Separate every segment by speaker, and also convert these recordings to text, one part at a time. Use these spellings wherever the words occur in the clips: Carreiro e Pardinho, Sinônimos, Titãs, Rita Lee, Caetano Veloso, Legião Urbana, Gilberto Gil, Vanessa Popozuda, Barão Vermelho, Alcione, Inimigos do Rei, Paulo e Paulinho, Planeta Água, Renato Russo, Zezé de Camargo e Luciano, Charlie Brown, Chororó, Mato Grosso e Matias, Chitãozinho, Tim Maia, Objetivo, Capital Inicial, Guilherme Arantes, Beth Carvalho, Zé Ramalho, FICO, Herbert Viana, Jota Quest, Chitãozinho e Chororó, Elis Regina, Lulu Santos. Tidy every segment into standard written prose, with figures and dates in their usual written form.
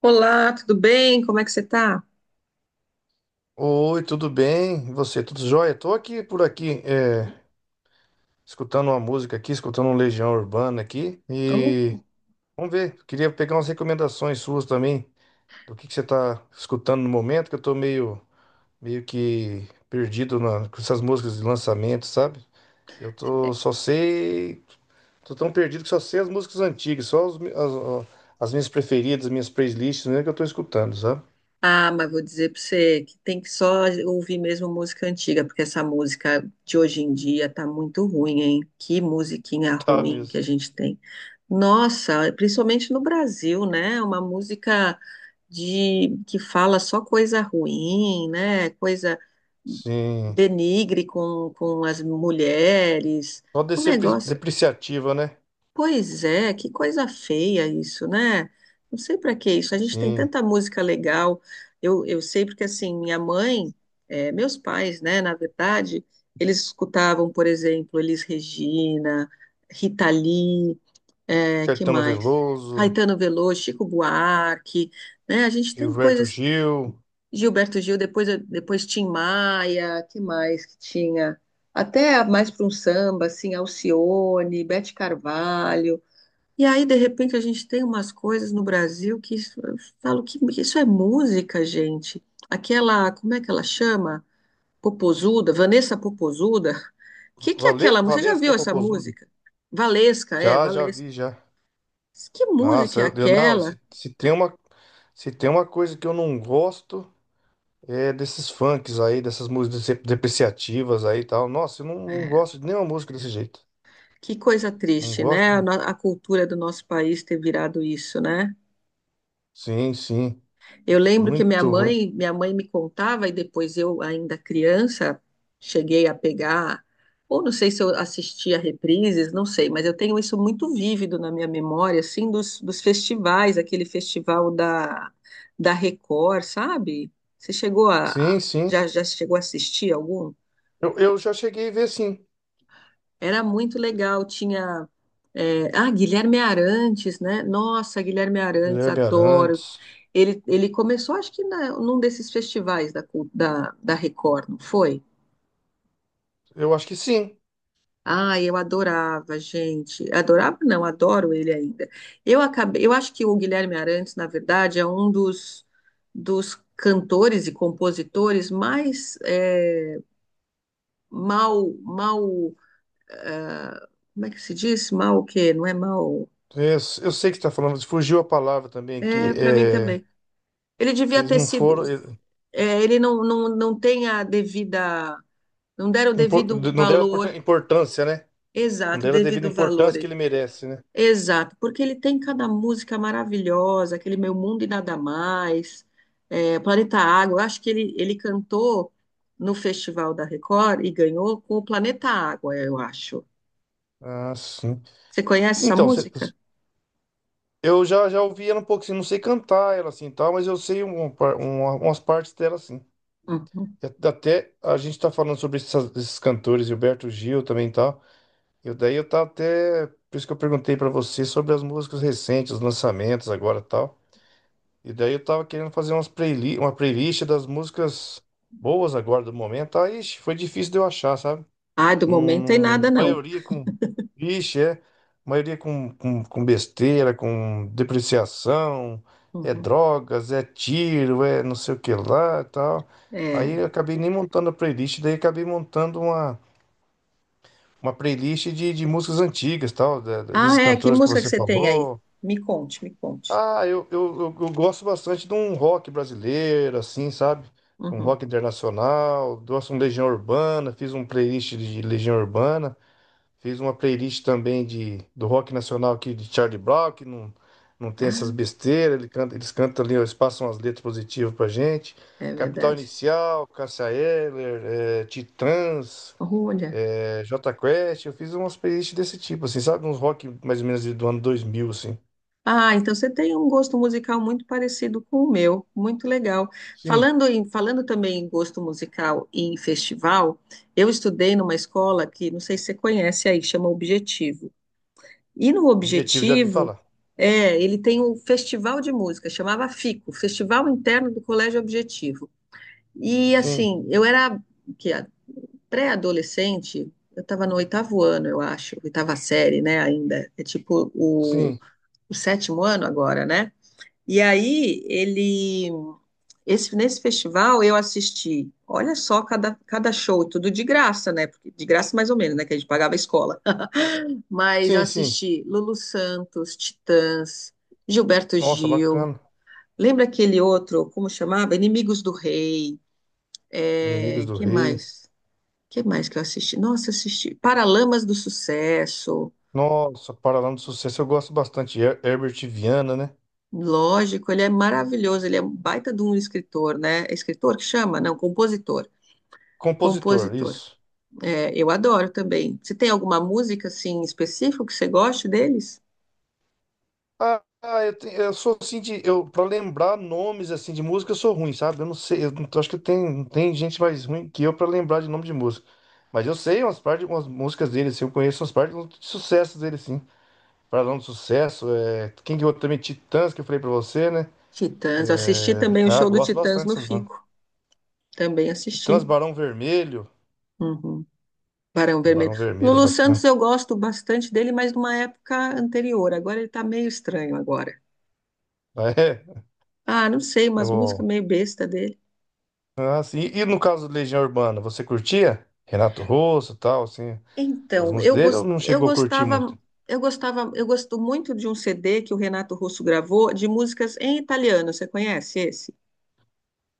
Speaker 1: Olá, tudo bem? Como é que você tá?
Speaker 2: Oi, tudo bem? E você, tudo jóia? Tô aqui por aqui, escutando uma música aqui, escutando um Legião Urbana aqui. E
Speaker 1: Oh.
Speaker 2: vamos ver, queria pegar umas recomendações suas também, do que você tá escutando no momento, que eu tô meio que perdido com essas músicas de lançamento, sabe? Eu tô só sei, tô tão perdido que só sei as músicas antigas, só ó, as minhas preferidas, as minhas playlists mesmo que eu tô escutando, sabe?
Speaker 1: Ah, mas vou dizer para você que tem que só ouvir mesmo música antiga, porque essa música de hoje em dia tá muito ruim, hein? Que musiquinha
Speaker 2: Tá
Speaker 1: ruim que
Speaker 2: mesmo.
Speaker 1: a gente tem. Nossa, principalmente no Brasil, né? Uma música de que fala só coisa ruim, né? Coisa
Speaker 2: Sim.
Speaker 1: denigre com as mulheres.
Speaker 2: Só
Speaker 1: Um
Speaker 2: descer
Speaker 1: negócio.
Speaker 2: depreciativa, né?
Speaker 1: Pois é, que coisa feia isso, né? Não sei para que isso. A gente tem
Speaker 2: Sim.
Speaker 1: tanta música legal. Eu sei porque, assim, minha mãe, meus pais, né, na verdade, eles escutavam, por exemplo, Elis Regina, Rita Lee, que
Speaker 2: Caetano
Speaker 1: mais?
Speaker 2: Veloso,
Speaker 1: Caetano Veloso, Chico Buarque, né? A gente tem
Speaker 2: Gilberto
Speaker 1: coisas.
Speaker 2: Gil,
Speaker 1: Gilberto Gil, depois Tim Maia, que mais que tinha? Até mais para um samba, assim, Alcione, Beth Carvalho. E aí, de repente, a gente tem umas coisas no Brasil que isso- eu falo que isso é música, gente. Aquela, como é que ela chama? Popozuda, Vanessa Popozuda. Que é aquela música? Você já
Speaker 2: Valesca
Speaker 1: viu essa
Speaker 2: Popozuda.
Speaker 1: música? Valesca, é,
Speaker 2: Já, já
Speaker 1: Valesca.
Speaker 2: vi, já.
Speaker 1: Que música
Speaker 2: Nossa,
Speaker 1: é
Speaker 2: não,
Speaker 1: aquela?
Speaker 2: se tem uma, se tem uma coisa que eu não gosto é desses funks aí, dessas músicas depreciativas aí e tal. Nossa, eu não, não
Speaker 1: É.
Speaker 2: gosto de nenhuma música desse jeito.
Speaker 1: Que coisa
Speaker 2: Não
Speaker 1: triste, né? A,
Speaker 2: gosto.
Speaker 1: no- a cultura do nosso país ter virado isso, né?
Speaker 2: Sim, sim.
Speaker 1: Eu lembro que minha
Speaker 2: Muito ruim.
Speaker 1: mãe, minha mãe me contava, e depois eu, ainda criança, cheguei a pegar, ou não sei se eu assistia reprises, não sei, mas eu tenho isso muito vívido na minha memória, assim, dos festivais, aquele festival da, da Record, sabe? Você chegou
Speaker 2: Sim,
Speaker 1: a-
Speaker 2: sim.
Speaker 1: já, já chegou a assistir algum?
Speaker 2: Eu já cheguei a ver, sim.
Speaker 1: Era muito legal, tinha. É, ah, Guilherme Arantes, né? Nossa, Guilherme Arantes,
Speaker 2: Guilherme
Speaker 1: adoro.
Speaker 2: Arantes.
Speaker 1: Ele começou, acho que na- num desses festivais da, Cul- da, da Record, não foi?
Speaker 2: Eu acho que sim.
Speaker 1: Ah, eu adorava, gente. Adorava, não, adoro ele ainda. Eu acabei, eu acho que o Guilherme Arantes, na verdade, é um dos cantores e compositores mais mal, como é que se diz? Mal o quê? Não é mal.
Speaker 2: É, Eu, eu sei que você está falando, fugiu a palavra também aqui.
Speaker 1: É, para mim também. Ele devia
Speaker 2: Eles
Speaker 1: ter
Speaker 2: não
Speaker 1: sido.
Speaker 2: foram.
Speaker 1: É, ele não tem a devida. Não deram o devido
Speaker 2: Não deram a
Speaker 1: valor.
Speaker 2: importância, né? Não
Speaker 1: Exato, o
Speaker 2: deram a devida
Speaker 1: devido valor.
Speaker 2: importância que ele merece, né?
Speaker 1: Exato, porque ele tem cada música maravilhosa, aquele Meu Mundo e Nada Mais, é, Planeta Água. Eu acho que ele cantou no Festival da Record e ganhou com o Planeta Água, eu acho.
Speaker 2: Ah, sim.
Speaker 1: Você conhece essa
Speaker 2: Então, cê-
Speaker 1: música?
Speaker 2: eu já, já ouvi ela um pouco assim, não sei cantar ela assim e tal, mas eu sei umas partes dela assim.
Speaker 1: Uhum.
Speaker 2: E até a gente tá falando sobre esses cantores, Gilberto Gil também e tal. Daí eu tava até. Por isso que eu perguntei pra você sobre as músicas recentes, os lançamentos agora e tal. E daí eu tava querendo fazer uma playlist das músicas boas agora do momento. Aí, ixi, foi difícil de eu achar, sabe?
Speaker 1: Ah, do
Speaker 2: Num,
Speaker 1: momento tem nada, não.
Speaker 2: maioria com. Vixe, é. Maioria com besteira, com depreciação, é
Speaker 1: Uhum.
Speaker 2: drogas, é tiro, é não sei o que lá e tal. Aí
Speaker 1: É.
Speaker 2: eu acabei nem montando a playlist, daí acabei montando uma playlist de músicas antigas, tal,
Speaker 1: Ah,
Speaker 2: desses
Speaker 1: é? Que
Speaker 2: cantores que
Speaker 1: música que
Speaker 2: você
Speaker 1: você tem aí?
Speaker 2: falou.
Speaker 1: Me conte, me conte.
Speaker 2: Ah, eu gosto bastante de um rock brasileiro, assim, sabe? Um
Speaker 1: Uhum.
Speaker 2: rock internacional, gosto de um Legião Urbana, fiz um playlist de Legião Urbana. Fiz uma playlist também de, do rock nacional aqui de Charlie Brown, que não tem essas
Speaker 1: Ah,
Speaker 2: besteiras. Ele canta, eles cantam ali, eles passam as letras positivas pra gente.
Speaker 1: é
Speaker 2: Capital
Speaker 1: verdade.
Speaker 2: Inicial, Cássia Eller, Titãs,
Speaker 1: Olha.
Speaker 2: Jota Quest. Eu fiz umas playlists desse tipo, assim, sabe? Uns rock mais ou menos do ano 2000, assim.
Speaker 1: Ah, então você tem um gosto musical muito parecido com o meu, muito legal.
Speaker 2: Sim,
Speaker 1: Falando em, falando também em gosto musical e em festival, eu estudei numa escola que não sei se você conhece aí, chama Objetivo. E no
Speaker 2: objetivo já vi
Speaker 1: Objetivo,
Speaker 2: falar.
Speaker 1: é, ele tem um festival de música, chamava FICO, Festival Interno do Colégio Objetivo. E
Speaker 2: Sim,
Speaker 1: assim, eu era que pré-adolescente, eu estava no oitavo ano, eu acho, oitava série, né, ainda. É tipo
Speaker 2: sim,
Speaker 1: o sétimo ano agora, né? E aí, ele. Esse, nesse festival, eu assisti, olha só, cada show, tudo de graça, né? Porque, de graça, mais ou menos, né? Que a gente pagava a escola. Mas eu
Speaker 2: sim, sim.
Speaker 1: assisti Lulu Santos, Titãs, Gilberto
Speaker 2: Nossa,
Speaker 1: Gil.
Speaker 2: bacana.
Speaker 1: Lembra aquele outro, como chamava? Inimigos do Rei.
Speaker 2: Inimigos
Speaker 1: É,
Speaker 2: do
Speaker 1: que
Speaker 2: Rei.
Speaker 1: mais? Que mais que eu assisti? Nossa, assisti Paralamas do Sucesso.
Speaker 2: Nossa, Paralama do Sucesso, eu gosto bastante. Herbert Viana, né?
Speaker 1: Lógico, ele é maravilhoso, ele é um baita de um escritor, né? É escritor que chama? Não, compositor.
Speaker 2: Compositor,
Speaker 1: Compositor.
Speaker 2: isso.
Speaker 1: É, eu adoro também. Você tem alguma música, assim, específica que você goste deles?
Speaker 2: Eu, eu sou assim de. Eu, pra lembrar nomes assim de música, eu sou ruim, sabe? Eu não sei. Eu não- acho que tem, tem gente mais ruim que eu pra lembrar de nome de música. Mas eu sei umas partes, umas músicas dele, assim, eu conheço umas partes de sucessos dele, sim. Paralão do Sucesso, é, quem que eu também, Titãs, que eu falei pra você, né?
Speaker 1: Titãs. Eu assisti
Speaker 2: É,
Speaker 1: também o
Speaker 2: ah,
Speaker 1: show do
Speaker 2: gosto
Speaker 1: Titãs
Speaker 2: bastante
Speaker 1: no
Speaker 2: dessas bandas.
Speaker 1: Fico. Também
Speaker 2: Titãs,
Speaker 1: assisti.
Speaker 2: Barão Vermelho.
Speaker 1: Uhum. Barão
Speaker 2: Um
Speaker 1: Vermelho.
Speaker 2: Barão Vermelho,
Speaker 1: Lulu Santos
Speaker 2: bacana.
Speaker 1: eu gosto bastante dele, mas numa época anterior. Agora ele tá meio estranho agora.
Speaker 2: Ah, é,
Speaker 1: Ah, não sei, umas
Speaker 2: eu,
Speaker 1: músicas meio besta dele.
Speaker 2: ah, sim. E no caso do Legião Urbana, você curtia? Renato Russo e tal, assim. As
Speaker 1: Então, eu,
Speaker 2: músicas dele eu
Speaker 1: gos-
Speaker 2: não
Speaker 1: eu
Speaker 2: chegou a curtir
Speaker 1: gostava,
Speaker 2: muito.
Speaker 1: eu gosto muito de um CD que o Renato Russo gravou de músicas em italiano. Você conhece esse?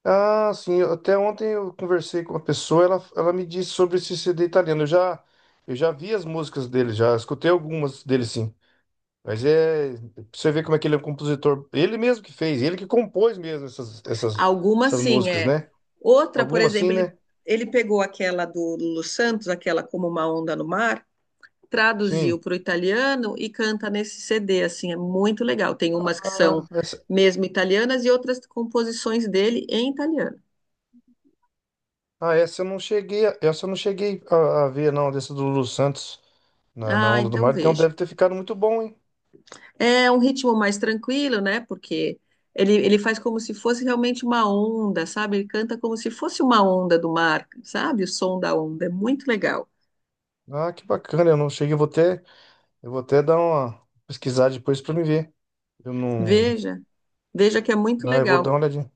Speaker 2: Ah, sim, até ontem eu conversei com uma pessoa, ela me disse sobre esse CD italiano. Eu já vi as músicas dele, já escutei algumas dele sim. Mas é, pra você ver como é que ele é um compositor. Ele mesmo que fez, ele que compôs mesmo
Speaker 1: Algumas
Speaker 2: essas
Speaker 1: sim,
Speaker 2: músicas,
Speaker 1: é.
Speaker 2: né?
Speaker 1: Outra, por
Speaker 2: Algumas sim,
Speaker 1: exemplo, ele,
Speaker 2: né?
Speaker 1: ele pegou aquela do Lulu Santos, aquela Como uma Onda no Mar, traduziu
Speaker 2: Sim.
Speaker 1: para o italiano e canta nesse CD, assim, é muito legal. Tem umas que
Speaker 2: Ah,
Speaker 1: são
Speaker 2: essa,
Speaker 1: mesmo italianas e outras composições dele em italiano.
Speaker 2: ah, essa eu não cheguei, essa eu não cheguei a ver, não, dessa do Lulu Santos na
Speaker 1: Ah,
Speaker 2: Onda do
Speaker 1: então
Speaker 2: Mar. Então
Speaker 1: veja.
Speaker 2: deve ter ficado muito bom, hein?
Speaker 1: É um ritmo mais tranquilo, né? Porque ele faz como se fosse realmente uma onda, sabe? Ele canta como se fosse uma onda do mar, sabe? O som da onda. É muito legal.
Speaker 2: Ah, que bacana, eu não cheguei, eu vou até. Eu vou até dar uma pesquisada depois pra me ver. Eu não.
Speaker 1: Veja, veja que é muito
Speaker 2: Não, eu vou dar
Speaker 1: legal.
Speaker 2: uma olhadinha.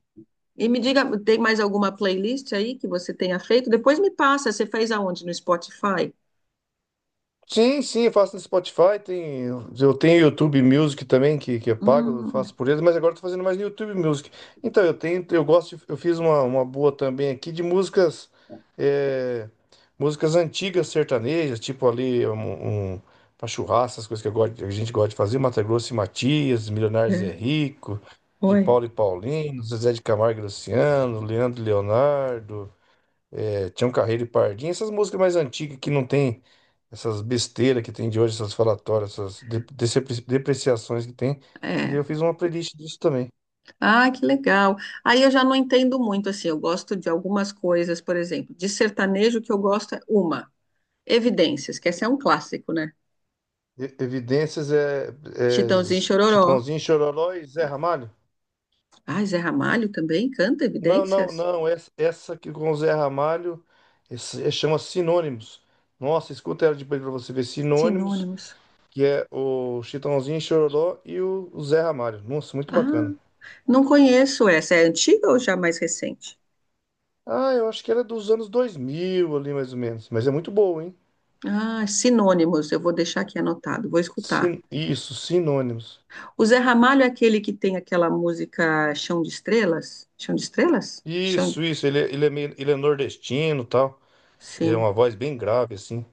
Speaker 1: E me diga, tem mais alguma playlist aí que você tenha feito? Depois me passa, você fez aonde? No Spotify?
Speaker 2: Sim, sim, eu faço no Spotify, tem, eu tenho YouTube Music também, que é pago, eu
Speaker 1: Hum,
Speaker 2: faço por eles, mas agora eu tô fazendo mais no YouTube Music. Então, eu tenho, eu gosto, eu fiz uma boa também aqui de músicas, é, músicas antigas sertanejas, tipo ali, um, pra churrasco, essas coisas que eu gosto, a gente gosta de fazer, Mato Grosso e Matias, Milionários
Speaker 1: é.
Speaker 2: é Rico, de
Speaker 1: Oi.
Speaker 2: Paulo e Paulinho, Zezé de Camargo e Luciano, Leandro e Leonardo, tinha um Carreiro e Pardinho, essas músicas mais antigas que não tem essas besteiras que tem de hoje, essas falatórias, essas depreciações que tem. E daí
Speaker 1: É.
Speaker 2: eu fiz uma playlist disso também.
Speaker 1: Ah, que legal. Aí eu já não entendo muito, assim, eu gosto de algumas coisas, por exemplo, de sertanejo que eu gosto é uma, Evidências, que esse é um clássico, né?
Speaker 2: Evidências é, é
Speaker 1: Chitãozinho e Chororó.
Speaker 2: Chitãozinho, Chororó e Zé Ramalho?
Speaker 1: Ah, Zé Ramalho também canta
Speaker 2: Não, não,
Speaker 1: Evidências?
Speaker 2: não. Essa aqui com o Zé Ramalho chama Sinônimos. Nossa, escuta ela depois pra você ver. Sinônimos,
Speaker 1: Sinônimos.
Speaker 2: que é o Chitãozinho, Chororó e o Zé Ramalho. Nossa, muito
Speaker 1: Ah,
Speaker 2: bacana.
Speaker 1: não conheço essa. É antiga ou já mais recente?
Speaker 2: Ah, eu acho que ela é dos anos 2000 ali, mais ou menos. Mas é muito boa, hein?
Speaker 1: Ah, Sinônimos. Eu vou deixar aqui anotado, vou escutar.
Speaker 2: Isso, Sinônimos.
Speaker 1: O Zé Ramalho é aquele que tem aquela música Chão de Estrelas? Chão de Estrelas? Chão de...
Speaker 2: Isso, isso. Ele, é meio, ele é nordestino e tal. É uma
Speaker 1: Sim.
Speaker 2: voz bem grave, assim.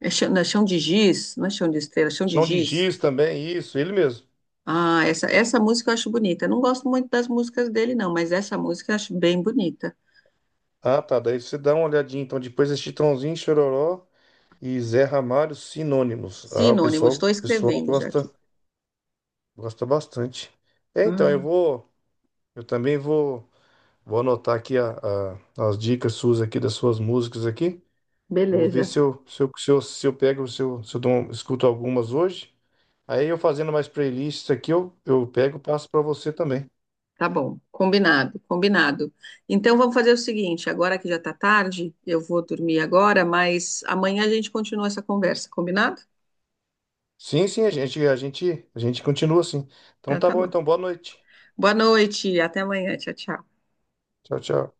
Speaker 1: É chão, não, é chão de giz, não é chão de estrelas, é chão de
Speaker 2: Chão de
Speaker 1: giz.
Speaker 2: Giz também, isso, ele mesmo.
Speaker 1: Ah, essa música eu acho bonita. Eu não gosto muito das músicas dele, não, mas essa música eu acho bem bonita.
Speaker 2: Ah, tá. Daí você dá uma olhadinha. Então, depois é Chitãozinho, Chororó e Zé Ramalho, Sinônimos. Ah,
Speaker 1: Sinônimos, estou
Speaker 2: o pessoal
Speaker 1: escrevendo já
Speaker 2: gosta,
Speaker 1: aqui.
Speaker 2: gosta bastante. É, então, eu
Speaker 1: Ah,
Speaker 2: vou... Eu também vou, vou anotar aqui as dicas suas aqui, das suas músicas aqui. Vou ver
Speaker 1: beleza,
Speaker 2: se se eu pego, se eu dou escuto algumas hoje. Aí eu fazendo mais playlists aqui, eu pego e passo para você também.
Speaker 1: tá bom. Combinado, combinado. Então vamos fazer o seguinte, agora que já tá tarde, eu vou dormir agora, mas amanhã a gente continua essa conversa, combinado?
Speaker 2: Sim, sim, a gente continua assim. Então
Speaker 1: Então
Speaker 2: tá
Speaker 1: tá
Speaker 2: bom,
Speaker 1: bom.
Speaker 2: então boa noite.
Speaker 1: Boa noite, até amanhã. Tchau, tchau.
Speaker 2: Tchau, tchau.